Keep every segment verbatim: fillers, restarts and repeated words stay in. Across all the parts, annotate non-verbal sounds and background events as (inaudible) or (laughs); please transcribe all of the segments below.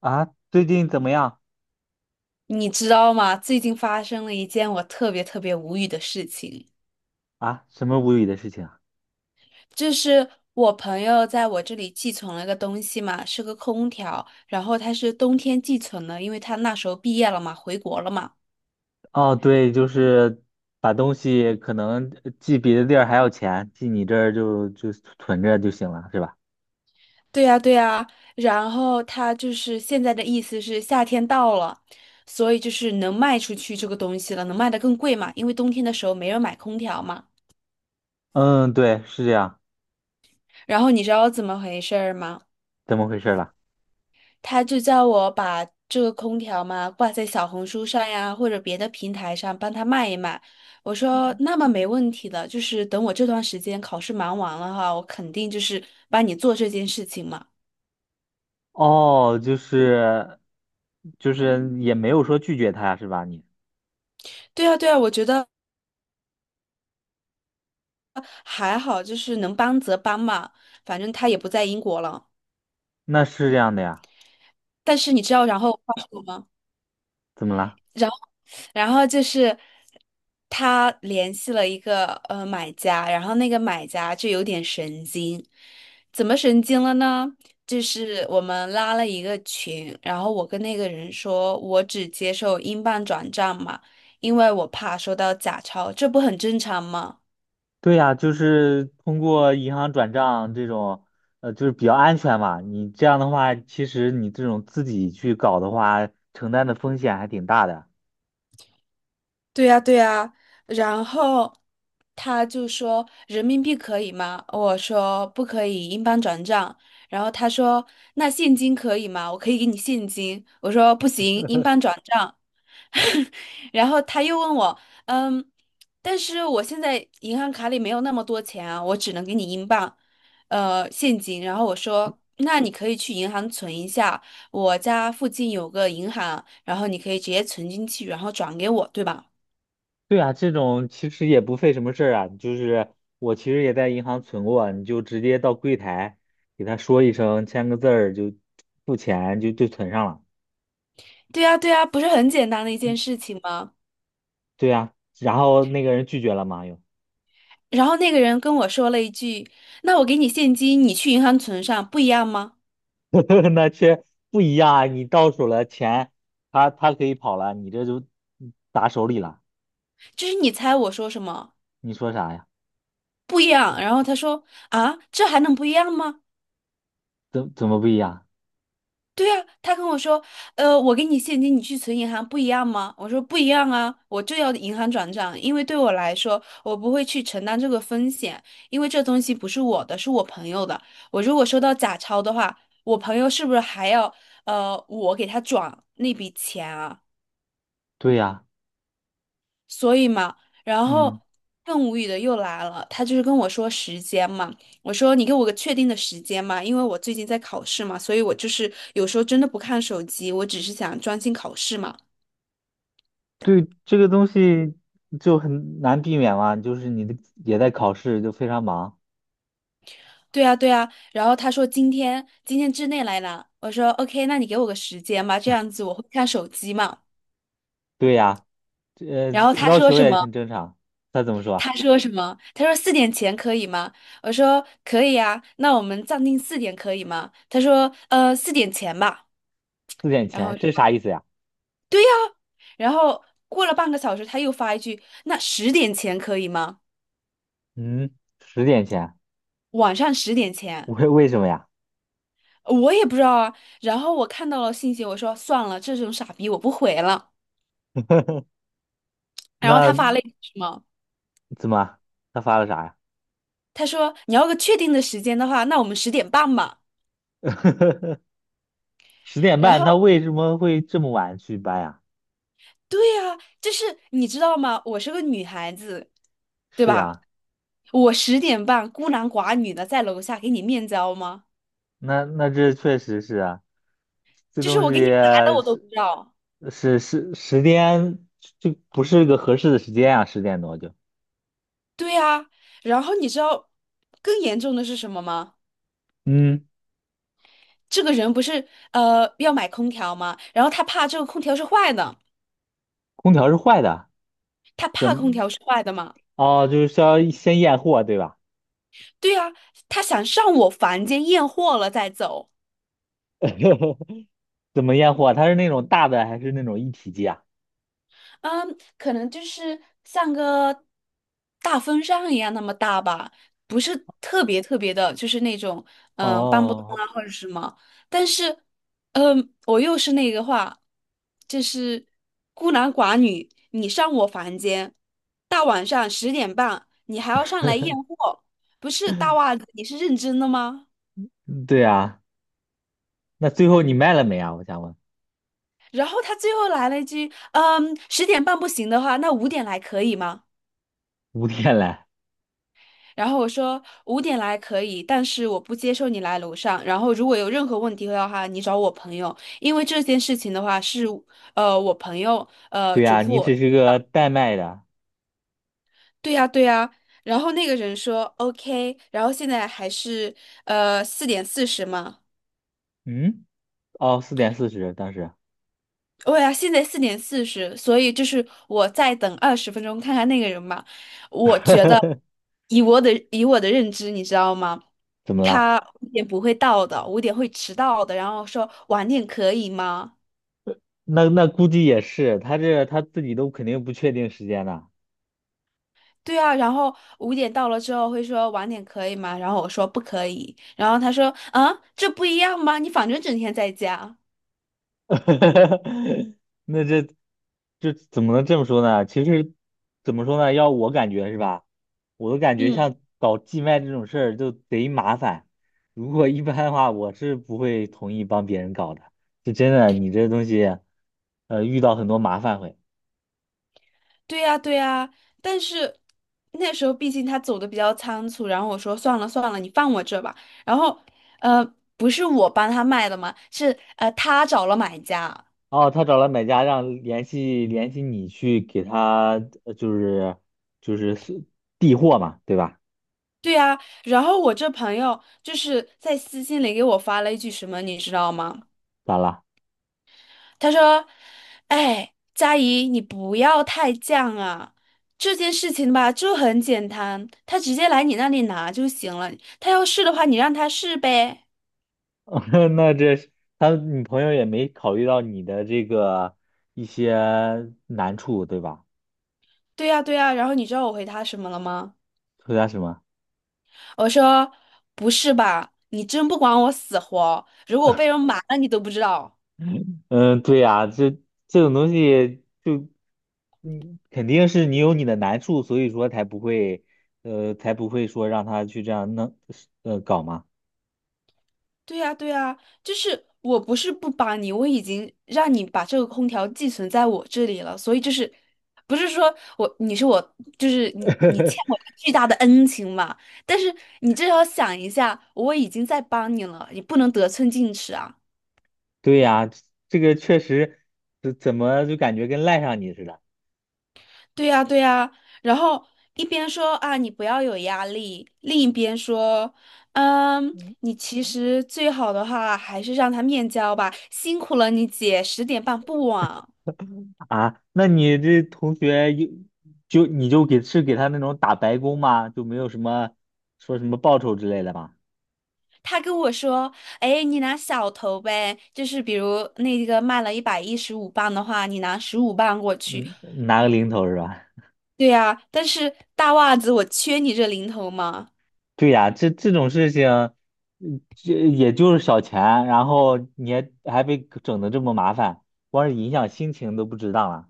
啊，最近怎么样？你知道吗？最近发生了一件我特别特别无语的事情，啊？什么无语的事情啊？就是我朋友在我这里寄存了个东西嘛，是个空调，然后他是冬天寄存的，因为他那时候毕业了嘛，回国了嘛。哦，对，就是把东西可能呃寄别的地儿还要钱，寄你这儿就就存着就行了，是吧？对呀，对呀，然后他就是现在的意思是夏天到了，所以就是能卖出去这个东西了，能卖的更贵嘛，因为冬天的时候没人买空调嘛。嗯，对，是这样。然后你知道怎么回事儿吗？怎么回事了？他就叫我把这个空调嘛挂在小红书上呀，或者别的平台上帮他卖一卖。我说那么没问题的，就是等我这段时间考试忙完了哈，我肯定就是帮你做这件事情嘛。哦，就是就是也没有说拒绝他呀，是吧？你对啊，对啊，我觉得还好，就是能帮则帮嘛，反正他也不在英国了。那是这样的呀？但是你知道然后他说什么吗？怎么了？然后就是他联系了一个呃买家，然后那个买家就有点神经，怎么神经了呢？就是我们拉了一个群，然后我跟那个人说，我只接受英镑转账嘛，因为我怕收到假钞，这不很正常吗？对呀，就是通过银行转账这种，呃，就是比较安全嘛。你这样的话，其实你这种自己去搞的话，承担的风险还挺大的。对呀，对呀，然后他就说人民币可以吗？我说不可以，英镑转账。然后他说那现金可以吗？我可以给你现金。我说不行，英镑转账。(laughs) 然后他又问我，嗯，但是我现在银行卡里没有那么多钱啊，我只能给你英镑，呃，现金。然后我说那你可以去银行存一下，我家附近有个银行，然后你可以直接存进去，然后转给我，对吧？对啊，这种其实也不费什么事儿啊。就是我其实也在银行存过，你就直接到柜台给他说一声，签个字儿就付钱就就存上了。对呀，对呀，不是很简单的一件事 (clears throat) 情吗？对呀，然后那个人拒绝了嘛，又 然后那个人跟我说了一句：“那我给你现金，你去银行存上，不一样吗？” (laughs) 那却不一样啊。你到手了钱，他他可以跑了，你这就砸手里了。就是你猜我说什么？你说啥呀？不一样。然后他说：“啊，这还能不一样吗？”怎怎么不一样？对啊，他跟我说，呃，我给你现金，你去存银行不一样吗？我说不一样啊，我就要银行转账，因为对我来说，我不会去承担这个风险，因为这东西不是我的，是我朋友的。我如果收到假钞的话，我朋友是不是还要呃我给他转那笔钱啊？对呀，所以嘛，然嗯，后更无语的又来了，他就是跟我说时间嘛，我说你给我个确定的时间嘛，因为我最近在考试嘛，所以我就是有时候真的不看手机，我只是想专心考试嘛。对这个东西就很难避免嘛，就是你的也在考试，就非常忙。对啊，对啊，然后他说今天今天之内来拿，我说 OK，那你给我个时间吧，这样子我会看手机嘛。对呀，这呃然后他要说求什也么？很正常。他怎么说啊？他说什么？他说四点前可以吗？我说可以啊，那我们暂定四点可以吗？他说呃四点前吧。四点然前，后。这啥意思呀？然后过了半个小时，他又发一句：“那十点前可以吗？嗯，十点前，晚上十点 (laughs) 前。”为为什么呀？我也不知道啊。然后我看到了信息，我说算了，这种傻逼我不回了。(laughs) 然后他发了那一句什么？怎么他发了啥呀？他说：“你要个确定的时间的话，那我们十点半吧。” (laughs) 十点然半，后，他为什么会这么晚去搬呀？对呀、就是你知道吗？我是个女孩子，对是吧？呀。我十点半孤男寡女的在楼下给你面交吗？那那这确实是啊，这就是东我西给你来了，我都不是知道。是是十点，就不是个合适的时间啊，十点多就，对呀、然后你知道更严重的是什么吗？嗯，这个人不是呃要买空调吗？然后他怕这个空调是坏的，空调是坏的，他怎怕么？空调是坏的嘛？哦，就是需要先验货，对吧？对啊，他想上我房间验货了再走。(laughs) 怎么验货？它是那种大的还是那种一体机啊？嗯，可能就是像个大风扇一样那么大吧，不是特别特别的，就是那种嗯、呃搬不动哦，啊或者什么。但是，嗯，我又是那个话，就是孤男寡女，你上我房间，大晚上十点半，你还要上来验货，不是大袜子，你是认真的吗？嗯对啊，那最后你卖了没啊？我想问，然后他最后来了一句，嗯，十点半不行的话，那五点来可以吗？五天来，然后我说五点来可以，但是我不接受你来楼上。然后如果有任何问题的话，你找我朋友，因为这件事情的话是呃我朋友呃对嘱啊，咐你我。只是个代卖的，对呀对呀。然后那个人说 OK，然后现在还是呃四点四十嘛。嗯，哦，四点四十当时，对呀，现在四点四十，所以就是我再等二十分钟看看那个人吧。我觉得 (laughs) 以我的以我的认知，你知道吗？怎么啦？他五点不会到的，五点会迟到的，然后说晚点可以吗？那那估计也是，他这他自己都肯定不确定时间的，对啊，然后五点到了之后会说晚点可以吗？然后我说不可以，然后他说啊，这不一样吗？你反正整天在家。(laughs) 那这这怎么能这么说呢？其实怎么说呢？要我感觉是吧？我的感觉嗯，像搞寄卖这种事儿就贼麻烦。如果一般的话，我是不会同意帮别人搞的。这真的，你这东西，呃，遇到很多麻烦会。对呀，对呀，但是那时候毕竟他走的比较仓促，然后我说算了算了，你放我这吧。然后呃，不是我帮他卖的嘛，是呃他找了买家。哦，他找了买家，让联系联系你去给他，呃就是就是是递货嘛，对吧？对呀，然后我这朋友就是在私信里给我发了一句什么，你知道吗？咋了？他说：“哎，佳怡，你不要太犟啊，这件事情吧就很简单，他直接来你那里拿就行了。他要试的话，你让他试呗。” (laughs) 那这是他女朋友也没考虑到你的这个一些难处，对吧？对呀，对呀。然后你知道我回他什么了吗？回答什么？我说：“不是吧，你真不管我死活，如果我被人瞒了，你都不知道。”嗯，对呀，这这种东西就，嗯，肯定是你有你的难处，所以说才不会，呃，才不会说让他去这样弄，呃，搞嘛。对呀，对呀，就是我不是不帮你，我已经让你把这个空调寄存在我这里了，所以就是不是说我你是我就是你你欠我一个巨大的恩情嘛？但是你至少想一下，我已经在帮你了，你不能得寸进尺啊！对呀，这个确实，这怎么就感觉跟赖上你似的？对呀，对呀，然后一边说啊你不要有压力，另一边说，嗯，你其实最好的话还是让他面交吧，辛苦了你姐，十点半不晚。啊，那你这同学有就你就给是给他那种打白工吗？就没有什么说什么报酬之类的吗？他跟我说：“哎，你拿小头呗，就是比如那个卖了一百一十五磅的话，你拿十五磅过去。”嗯，拿个零头是吧？对呀，但是大袜子我缺你这零头吗？对呀，这这种事情，嗯这也就是小钱，然后你还还被整的这么麻烦，光是影响心情都不值当了。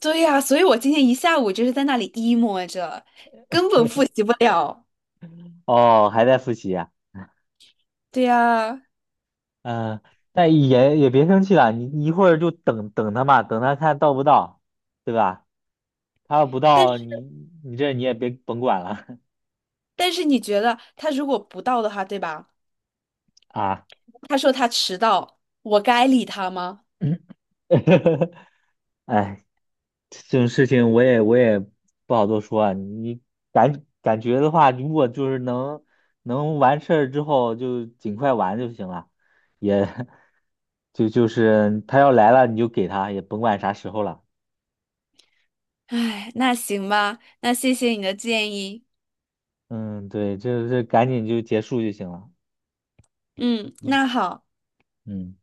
对呀，所以我今天一下午就是在那里 emo 着，根本复习不了。哦，还在复习啊？对呀，嗯、但也也别生气了，你一会儿就等等他嘛，等他看到不到，对吧？他要不但到，你是你这你也别甭管了 但是你觉得他如果不到的话，对吧？(laughs) 啊。他说他迟到，我该理他吗？嗯，(laughs) 哎，这种事情我也我也不好多说啊。你感感觉的话，如果就是能能完事儿之后就尽快完就行了，也 (laughs) 就就是他要来了你就给他，也甭管啥时候了。哎，那行吧，那谢谢你的建议。嗯，对，就是赶紧就结束就行了。嗯，嗯那好。嗯。